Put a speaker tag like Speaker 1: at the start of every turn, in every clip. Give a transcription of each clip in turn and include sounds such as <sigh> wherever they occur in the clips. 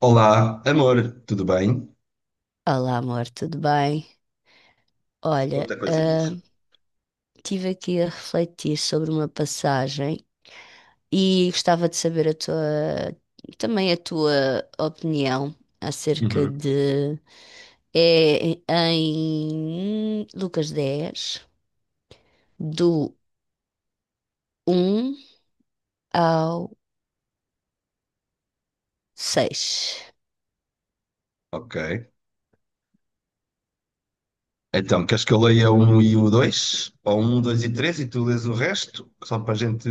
Speaker 1: Olá, amor, tudo bem?
Speaker 2: Olá, amor, tudo bem? Olha,
Speaker 1: Outra coisinhas.
Speaker 2: estive aqui a refletir sobre uma passagem e gostava de saber a tua, também a tua opinião acerca
Speaker 1: Uhum.
Speaker 2: de. É em Lucas 10 do um ao seis.
Speaker 1: Ok. Então, queres que eu leia o um e o 2, ou um, 2 e 3 e tu lês o resto? Só para a gente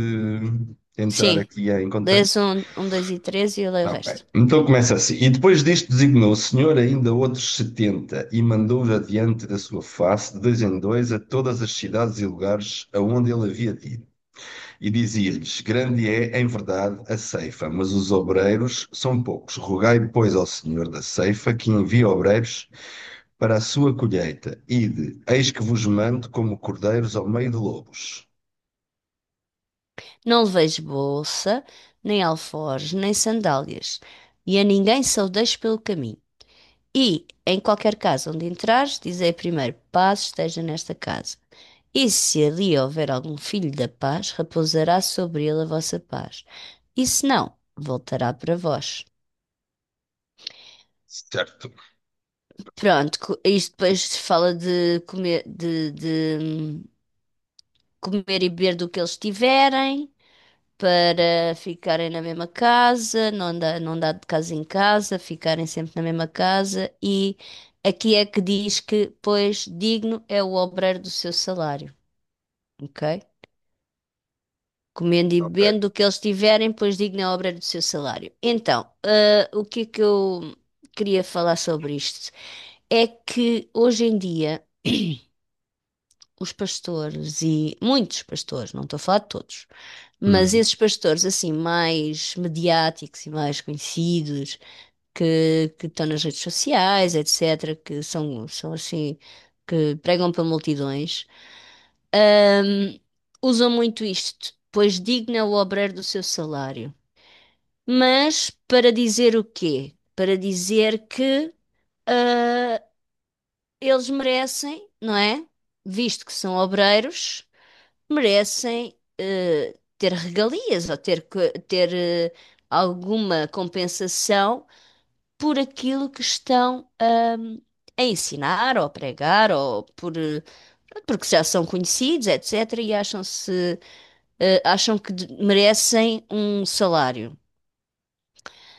Speaker 1: entrar
Speaker 2: Sim,
Speaker 1: aqui em contexto.
Speaker 2: lês um, dois e três e eu leio o
Speaker 1: Ok.
Speaker 2: resto.
Speaker 1: Então começa assim. E depois disto designou o Senhor ainda outros setenta e mandou-os adiante da sua face, de dois em dois, a todas as cidades e lugares aonde ele havia dito. E dizia-lhes: Grande é, em verdade, a ceifa, mas os obreiros são poucos. Rogai, pois, ao Senhor da ceifa que envie obreiros para a sua colheita. Ide, eis que vos mando como cordeiros ao meio de lobos.
Speaker 2: Não leveis bolsa, nem alforjes, nem sandálias, e a ninguém saudeis pelo caminho. E, em qualquer casa onde entrares, dizei primeiro: paz esteja nesta casa. E se ali houver algum filho da paz, repousará sobre ele a vossa paz. E se não, voltará para vós.
Speaker 1: Certo,
Speaker 2: Pronto, isto depois fala de comer, de comer e beber do que eles tiverem, para ficarem na mesma casa, não andar de casa em casa, ficarem sempre na mesma casa. E aqui é que diz que, pois, digno é o obreiro do seu salário, ok? Comendo e
Speaker 1: ok.
Speaker 2: bebendo o que eles tiverem, pois digno é o obreiro do seu salário. Então, o que é que eu queria falar sobre isto? É que hoje em dia. Os pastores e muitos pastores, não estou a falar de todos, mas
Speaker 1: Uhum.
Speaker 2: esses pastores assim mais mediáticos e mais conhecidos, que estão nas redes sociais, etc., são assim, que pregam para multidões, ahm, usam muito isto, pois digna o obreiro do seu salário. Mas para dizer o quê? Para dizer que ah, eles merecem, não é? Visto que são obreiros, merecem ter regalias ou ter alguma compensação por aquilo que estão a ensinar ou a pregar ou por porque já são conhecidos, etc., e acham-se acham que merecem um salário.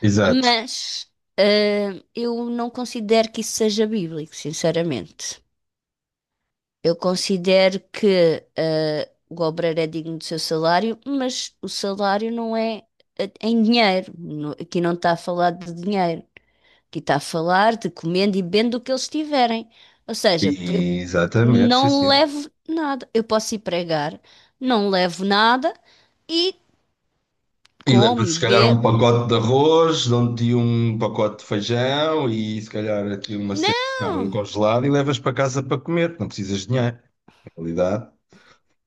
Speaker 1: Exato.
Speaker 2: Mas eu não considero que isso seja bíblico, sinceramente. Eu considero que o obreiro é digno do seu salário, mas o salário não é em dinheiro. Aqui não está a falar de dinheiro. Que está a falar de comendo e bebendo do que eles tiverem. Ou seja, eu
Speaker 1: Exatamente, sim,
Speaker 2: não
Speaker 1: sim.
Speaker 2: levo nada. Eu posso ir pregar, não levo nada e
Speaker 1: E
Speaker 2: come,
Speaker 1: leva-se,
Speaker 2: e
Speaker 1: se calhar, um
Speaker 2: bebe.
Speaker 1: pacote de arroz, dão-te um pacote de feijão e, se calhar, aqui uma cena de carne
Speaker 2: Não!
Speaker 1: congelada e levas para casa para comer. Não precisas de dinheiro, na realidade.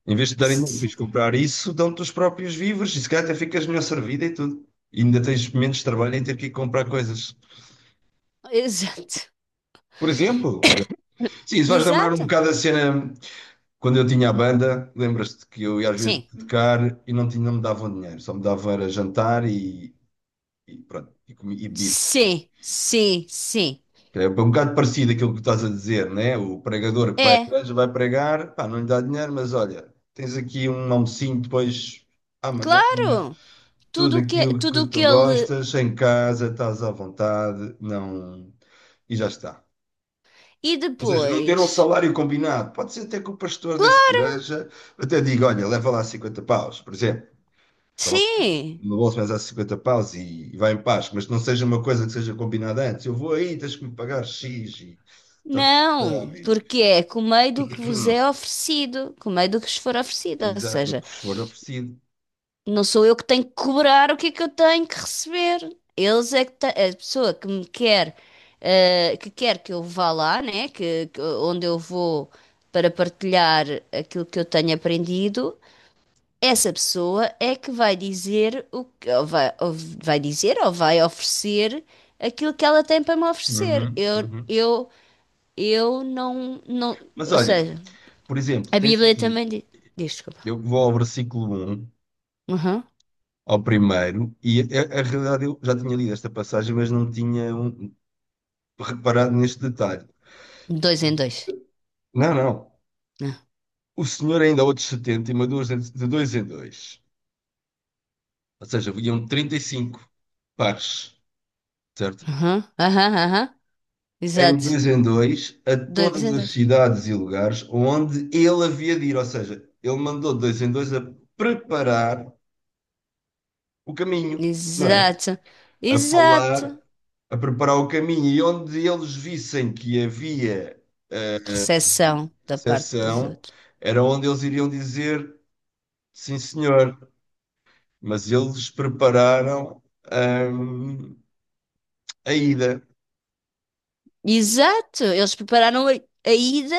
Speaker 1: Em vez de darem
Speaker 2: Se-
Speaker 1: de comprar isso, dão-te os próprios víveres e se calhar até ficas melhor servida e tudo. E ainda tens menos trabalho em ter que ir comprar coisas.
Speaker 2: Exato.
Speaker 1: Por exemplo, sim,
Speaker 2: <coughs>
Speaker 1: isso vais lembrar um
Speaker 2: Exato.
Speaker 1: bocado a cena quando eu tinha a banda. Lembras-te que eu ia às vezes
Speaker 2: Sim.
Speaker 1: tocar e não, tinha, não me davam dinheiro, só me davam era jantar e pronto, e, comi, e bebido.
Speaker 2: Sim, sim, sim.
Speaker 1: É um bocado parecido aquilo que estás a dizer, né? O pregador que vai, à
Speaker 2: É,
Speaker 1: igreja, vai pregar, pá, não lhe dá dinheiro, mas olha, tens aqui um almocinho depois à manhã,
Speaker 2: claro.
Speaker 1: tudo aquilo que
Speaker 2: Tudo o
Speaker 1: tu
Speaker 2: que ele.
Speaker 1: gostas, em casa, estás à vontade, não, e já está.
Speaker 2: E
Speaker 1: Ou seja, não ter um
Speaker 2: depois?
Speaker 1: salário combinado. Pode ser até que o pastor dessa
Speaker 2: Claro,
Speaker 1: igreja até diga, olha, leva lá 50 paus, por exemplo. Então,
Speaker 2: sim.
Speaker 1: no bolso mas há 50 paus e vai em paz, mas não seja uma coisa que seja combinada antes. Eu vou aí, tens que me pagar X e... Tá, tá,
Speaker 2: Não,
Speaker 1: tá,
Speaker 2: porque é comei do que vos é
Speaker 1: <clears throat>
Speaker 2: oferecido, comei do que vos for oferecido, ou
Speaker 1: Exato, do
Speaker 2: seja,
Speaker 1: que vos for oferecido.
Speaker 2: não sou eu que tenho que cobrar o que é que eu tenho que receber. Eles é que a pessoa que me quer, que quer que eu vá lá, né, onde eu vou para partilhar aquilo que eu tenho aprendido, essa pessoa é que vai dizer o que, ou vai dizer ou vai oferecer aquilo que ela tem para me oferecer.
Speaker 1: Uhum,
Speaker 2: Eu,
Speaker 1: uhum.
Speaker 2: eu eu não, não.
Speaker 1: Mas
Speaker 2: Ou
Speaker 1: olha,
Speaker 2: seja,
Speaker 1: por exemplo,
Speaker 2: a
Speaker 1: tens
Speaker 2: Bíblia
Speaker 1: aqui,
Speaker 2: também diz. Diz, desculpa.
Speaker 1: eu vou ao versículo um
Speaker 2: Uhum.
Speaker 1: ao primeiro, e a, realidade eu já tinha lido esta passagem, mas não tinha reparado neste detalhe.
Speaker 2: Dois em dois.
Speaker 1: Não, não.
Speaker 2: Né?
Speaker 1: O senhor ainda há outros 70 e mandou-os de dois em dois. Ou seja, iam 35 pares, certo?
Speaker 2: Uhum. Aham, uhum, aham. Exato.
Speaker 1: Em dois, a
Speaker 2: Dois
Speaker 1: todas
Speaker 2: em
Speaker 1: as
Speaker 2: dois.
Speaker 1: cidades e lugares onde ele havia de ir. Ou seja, ele mandou de dois em dois a preparar o caminho, não é?
Speaker 2: Exato.
Speaker 1: A falar,
Speaker 2: Exato.
Speaker 1: a preparar o caminho. E onde eles vissem que havia eh,
Speaker 2: Recessão da parte dos
Speaker 1: recepção,
Speaker 2: outros.
Speaker 1: era onde eles iriam dizer sim, senhor, mas eles prepararam hum, a ida.
Speaker 2: Exato. Eles prepararam a ida,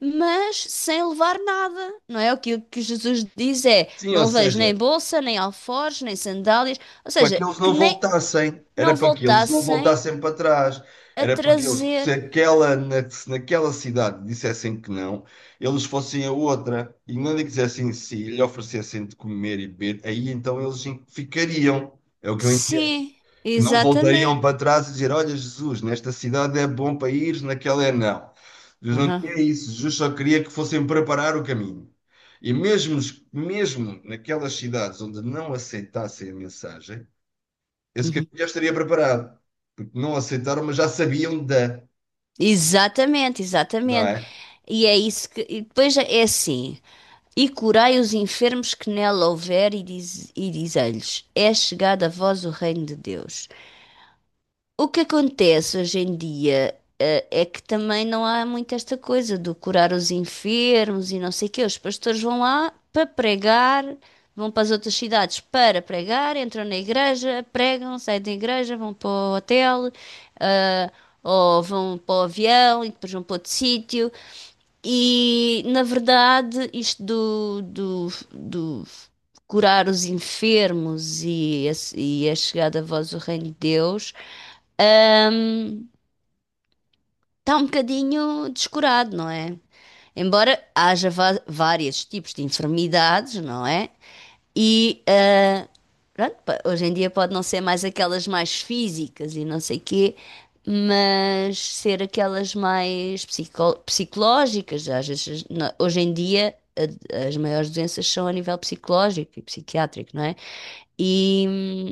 Speaker 2: mas sem levar nada. Não é? O que Jesus diz é:
Speaker 1: Sim, ou
Speaker 2: não leveis nem
Speaker 1: seja,
Speaker 2: bolsa, nem alforjes, nem sandálias. Ou
Speaker 1: para que
Speaker 2: seja,
Speaker 1: eles
Speaker 2: que
Speaker 1: não
Speaker 2: nem
Speaker 1: voltassem,
Speaker 2: não
Speaker 1: era para que eles não
Speaker 2: voltassem
Speaker 1: voltassem para trás.
Speaker 2: a
Speaker 1: Era porque eles,
Speaker 2: trazer.
Speaker 1: se aquela, se naquela cidade dissessem que não, eles fossem a outra e não lhe quisessem sim, lhe oferecessem de comer e beber, aí então eles ficariam. É o que eu entendo.
Speaker 2: Sim,
Speaker 1: Que não voltariam
Speaker 2: exatamente.
Speaker 1: para trás e dizer: Olha, Jesus, nesta cidade é bom para ir, naquela é não. Jesus não
Speaker 2: Aham,
Speaker 1: queria isso, Jesus só queria que fossem preparar o caminho. E mesmo, mesmo naquelas cidades onde não aceitassem a mensagem, esse
Speaker 2: uhum.
Speaker 1: caminho já estaria preparado. Porque não aceitaram, mas já sabiam da,
Speaker 2: Exatamente,
Speaker 1: não
Speaker 2: exatamente.
Speaker 1: é?
Speaker 2: E é isso que. E depois é assim. E curai os enfermos que nela houver, e diz, e diz-lhes: é chegado a vós o reino de Deus. O que acontece hoje em dia, é que também não há muito esta coisa do curar os enfermos e não sei o quê. Os pastores vão lá para pregar, vão para as outras cidades para pregar, entram na igreja, pregam, saem da igreja, vão para o hotel ou vão para o avião e depois vão para outro sítio. E na verdade, isto do curar os enfermos e e a chegada a vós do Reino de Deus está um bocadinho descurado, não é? Embora haja vários tipos de enfermidades, não é? E pronto, hoje em dia pode não ser mais aquelas mais físicas e não sei quê, mas ser aquelas mais psicológicas. Às vezes, hoje em dia, as maiores doenças são a nível psicológico e psiquiátrico, não é? E,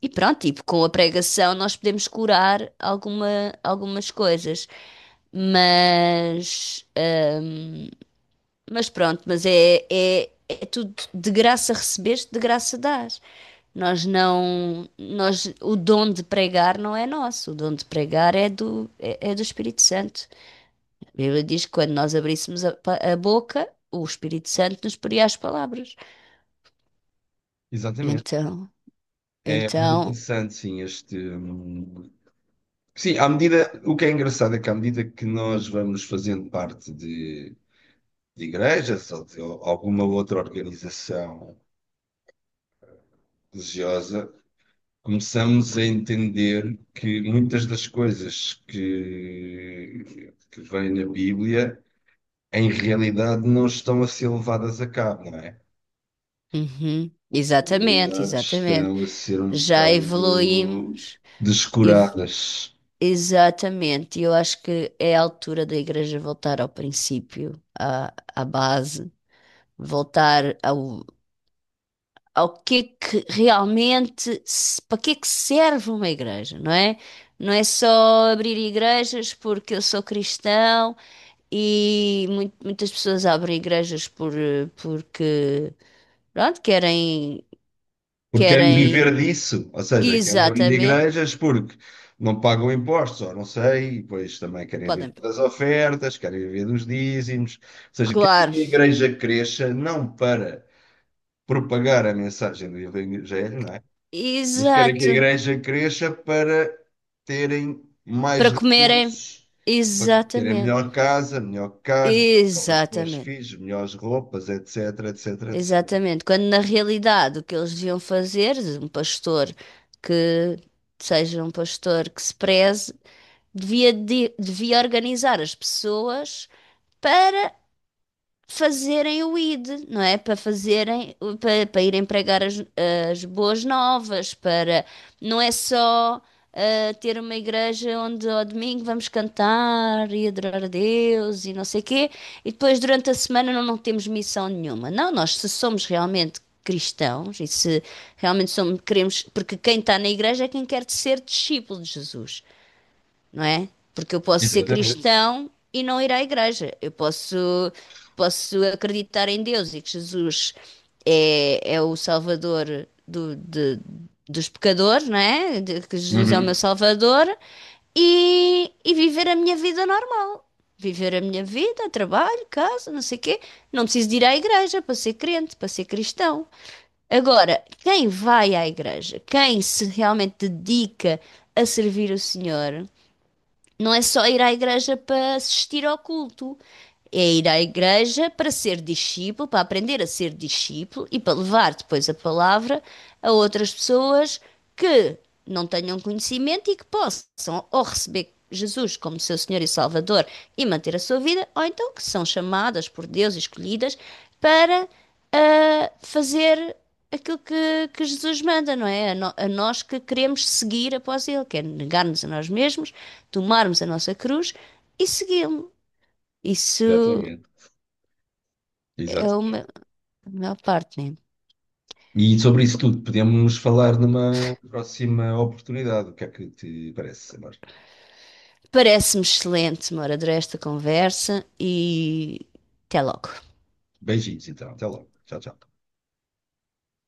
Speaker 2: e pronto, tipo, com a pregação nós podemos curar algumas coisas, mas, mas pronto, mas é tudo de graça recebeste, de graça dás. Nós não, nós, O dom de pregar não é nosso, o dom de pregar é é do Espírito Santo. A Bíblia diz que quando nós abríssemos a boca, o Espírito Santo nos poria as palavras.
Speaker 1: Exatamente.
Speaker 2: Então,
Speaker 1: É muito
Speaker 2: então,
Speaker 1: interessante, sim, este. Sim, à medida. O que é engraçado é que à medida que nós vamos fazendo parte de igrejas ou de alguma outra organização religiosa, começamos a entender que muitas das coisas que vêm na Bíblia, em realidade, não estão a ser levadas a cabo, não é?
Speaker 2: uhum,
Speaker 1: Em
Speaker 2: exatamente,
Speaker 1: realidade,
Speaker 2: exatamente.
Speaker 1: estão a ser um
Speaker 2: Já
Speaker 1: bocado
Speaker 2: evoluímos, ev-
Speaker 1: descuradas.
Speaker 2: exatamente. E eu acho que é a altura da igreja voltar ao princípio, à, à base, voltar ao, ao que é que realmente, para que é que serve uma igreja, não é? Não é só abrir igrejas porque eu sou cristão e muitas pessoas abrem igrejas por, porque, pronto, querem,
Speaker 1: Porque querem
Speaker 2: querem,
Speaker 1: viver disso, ou seja, querem abrir
Speaker 2: exatamente,
Speaker 1: igrejas porque não pagam impostos, ou não sei, pois também querem viver
Speaker 2: podem,
Speaker 1: das ofertas, querem viver dos dízimos, ou seja, querem
Speaker 2: claro,
Speaker 1: que a igreja cresça não para propagar a mensagem do Evangelho, não é? Mas querem que a
Speaker 2: exato,
Speaker 1: igreja cresça para terem mais
Speaker 2: para comerem,
Speaker 1: recursos, para terem
Speaker 2: exatamente,
Speaker 1: melhor casa, melhor carro, melhor escolas para os
Speaker 2: exatamente.
Speaker 1: filhos, melhores roupas, etc, etc, etc.
Speaker 2: Exatamente. Quando na realidade o que eles deviam fazer, um pastor que seja um pastor que se preze, devia, devia organizar as pessoas para fazerem o ID, não é? Para fazerem, para, para irem pregar as, as boas novas, para não é só ter uma igreja onde ao domingo vamos cantar e adorar a Deus e não sei quê, e depois durante a semana não, não temos missão nenhuma. Não, nós se somos realmente cristãos e se realmente somos, queremos, porque quem está na igreja é quem quer ser discípulo de Jesus, não é? Porque eu posso ser
Speaker 1: Exatamente.
Speaker 2: cristão e não ir à igreja. Eu posso, posso acreditar em Deus e que Jesus é, é o Salvador dos pecadores, não é? Que Jesus é o meu
Speaker 1: Uhum.
Speaker 2: Salvador e viver a minha vida normal. Viver a minha vida, trabalho, casa, não sei o quê. Não preciso de ir à igreja para ser crente, para ser cristão. Agora, quem vai à igreja, quem se realmente dedica a servir o Senhor, não é só ir à igreja para assistir ao culto, é ir à igreja para ser discípulo, para aprender a ser discípulo e para levar depois a palavra a outras pessoas que não tenham conhecimento e que possam ou receber Jesus como seu Senhor e Salvador e manter a sua vida, ou então que são chamadas por Deus, e escolhidas, para fazer aquilo que Jesus manda, não é? A, a nós que queremos seguir após Ele, que é negar-nos a nós mesmos, tomarmos a nossa cruz e segui-lo. Isso
Speaker 1: Exatamente.
Speaker 2: é uma
Speaker 1: Exatamente.
Speaker 2: a maior parte, né?
Speaker 1: E sobre isso tudo podemos falar numa próxima oportunidade. O que é que te parece, Amor?
Speaker 2: Parece-me excelente, Mora, esta conversa e até logo.
Speaker 1: Beijinhos, então. Até logo. Tchau, tchau.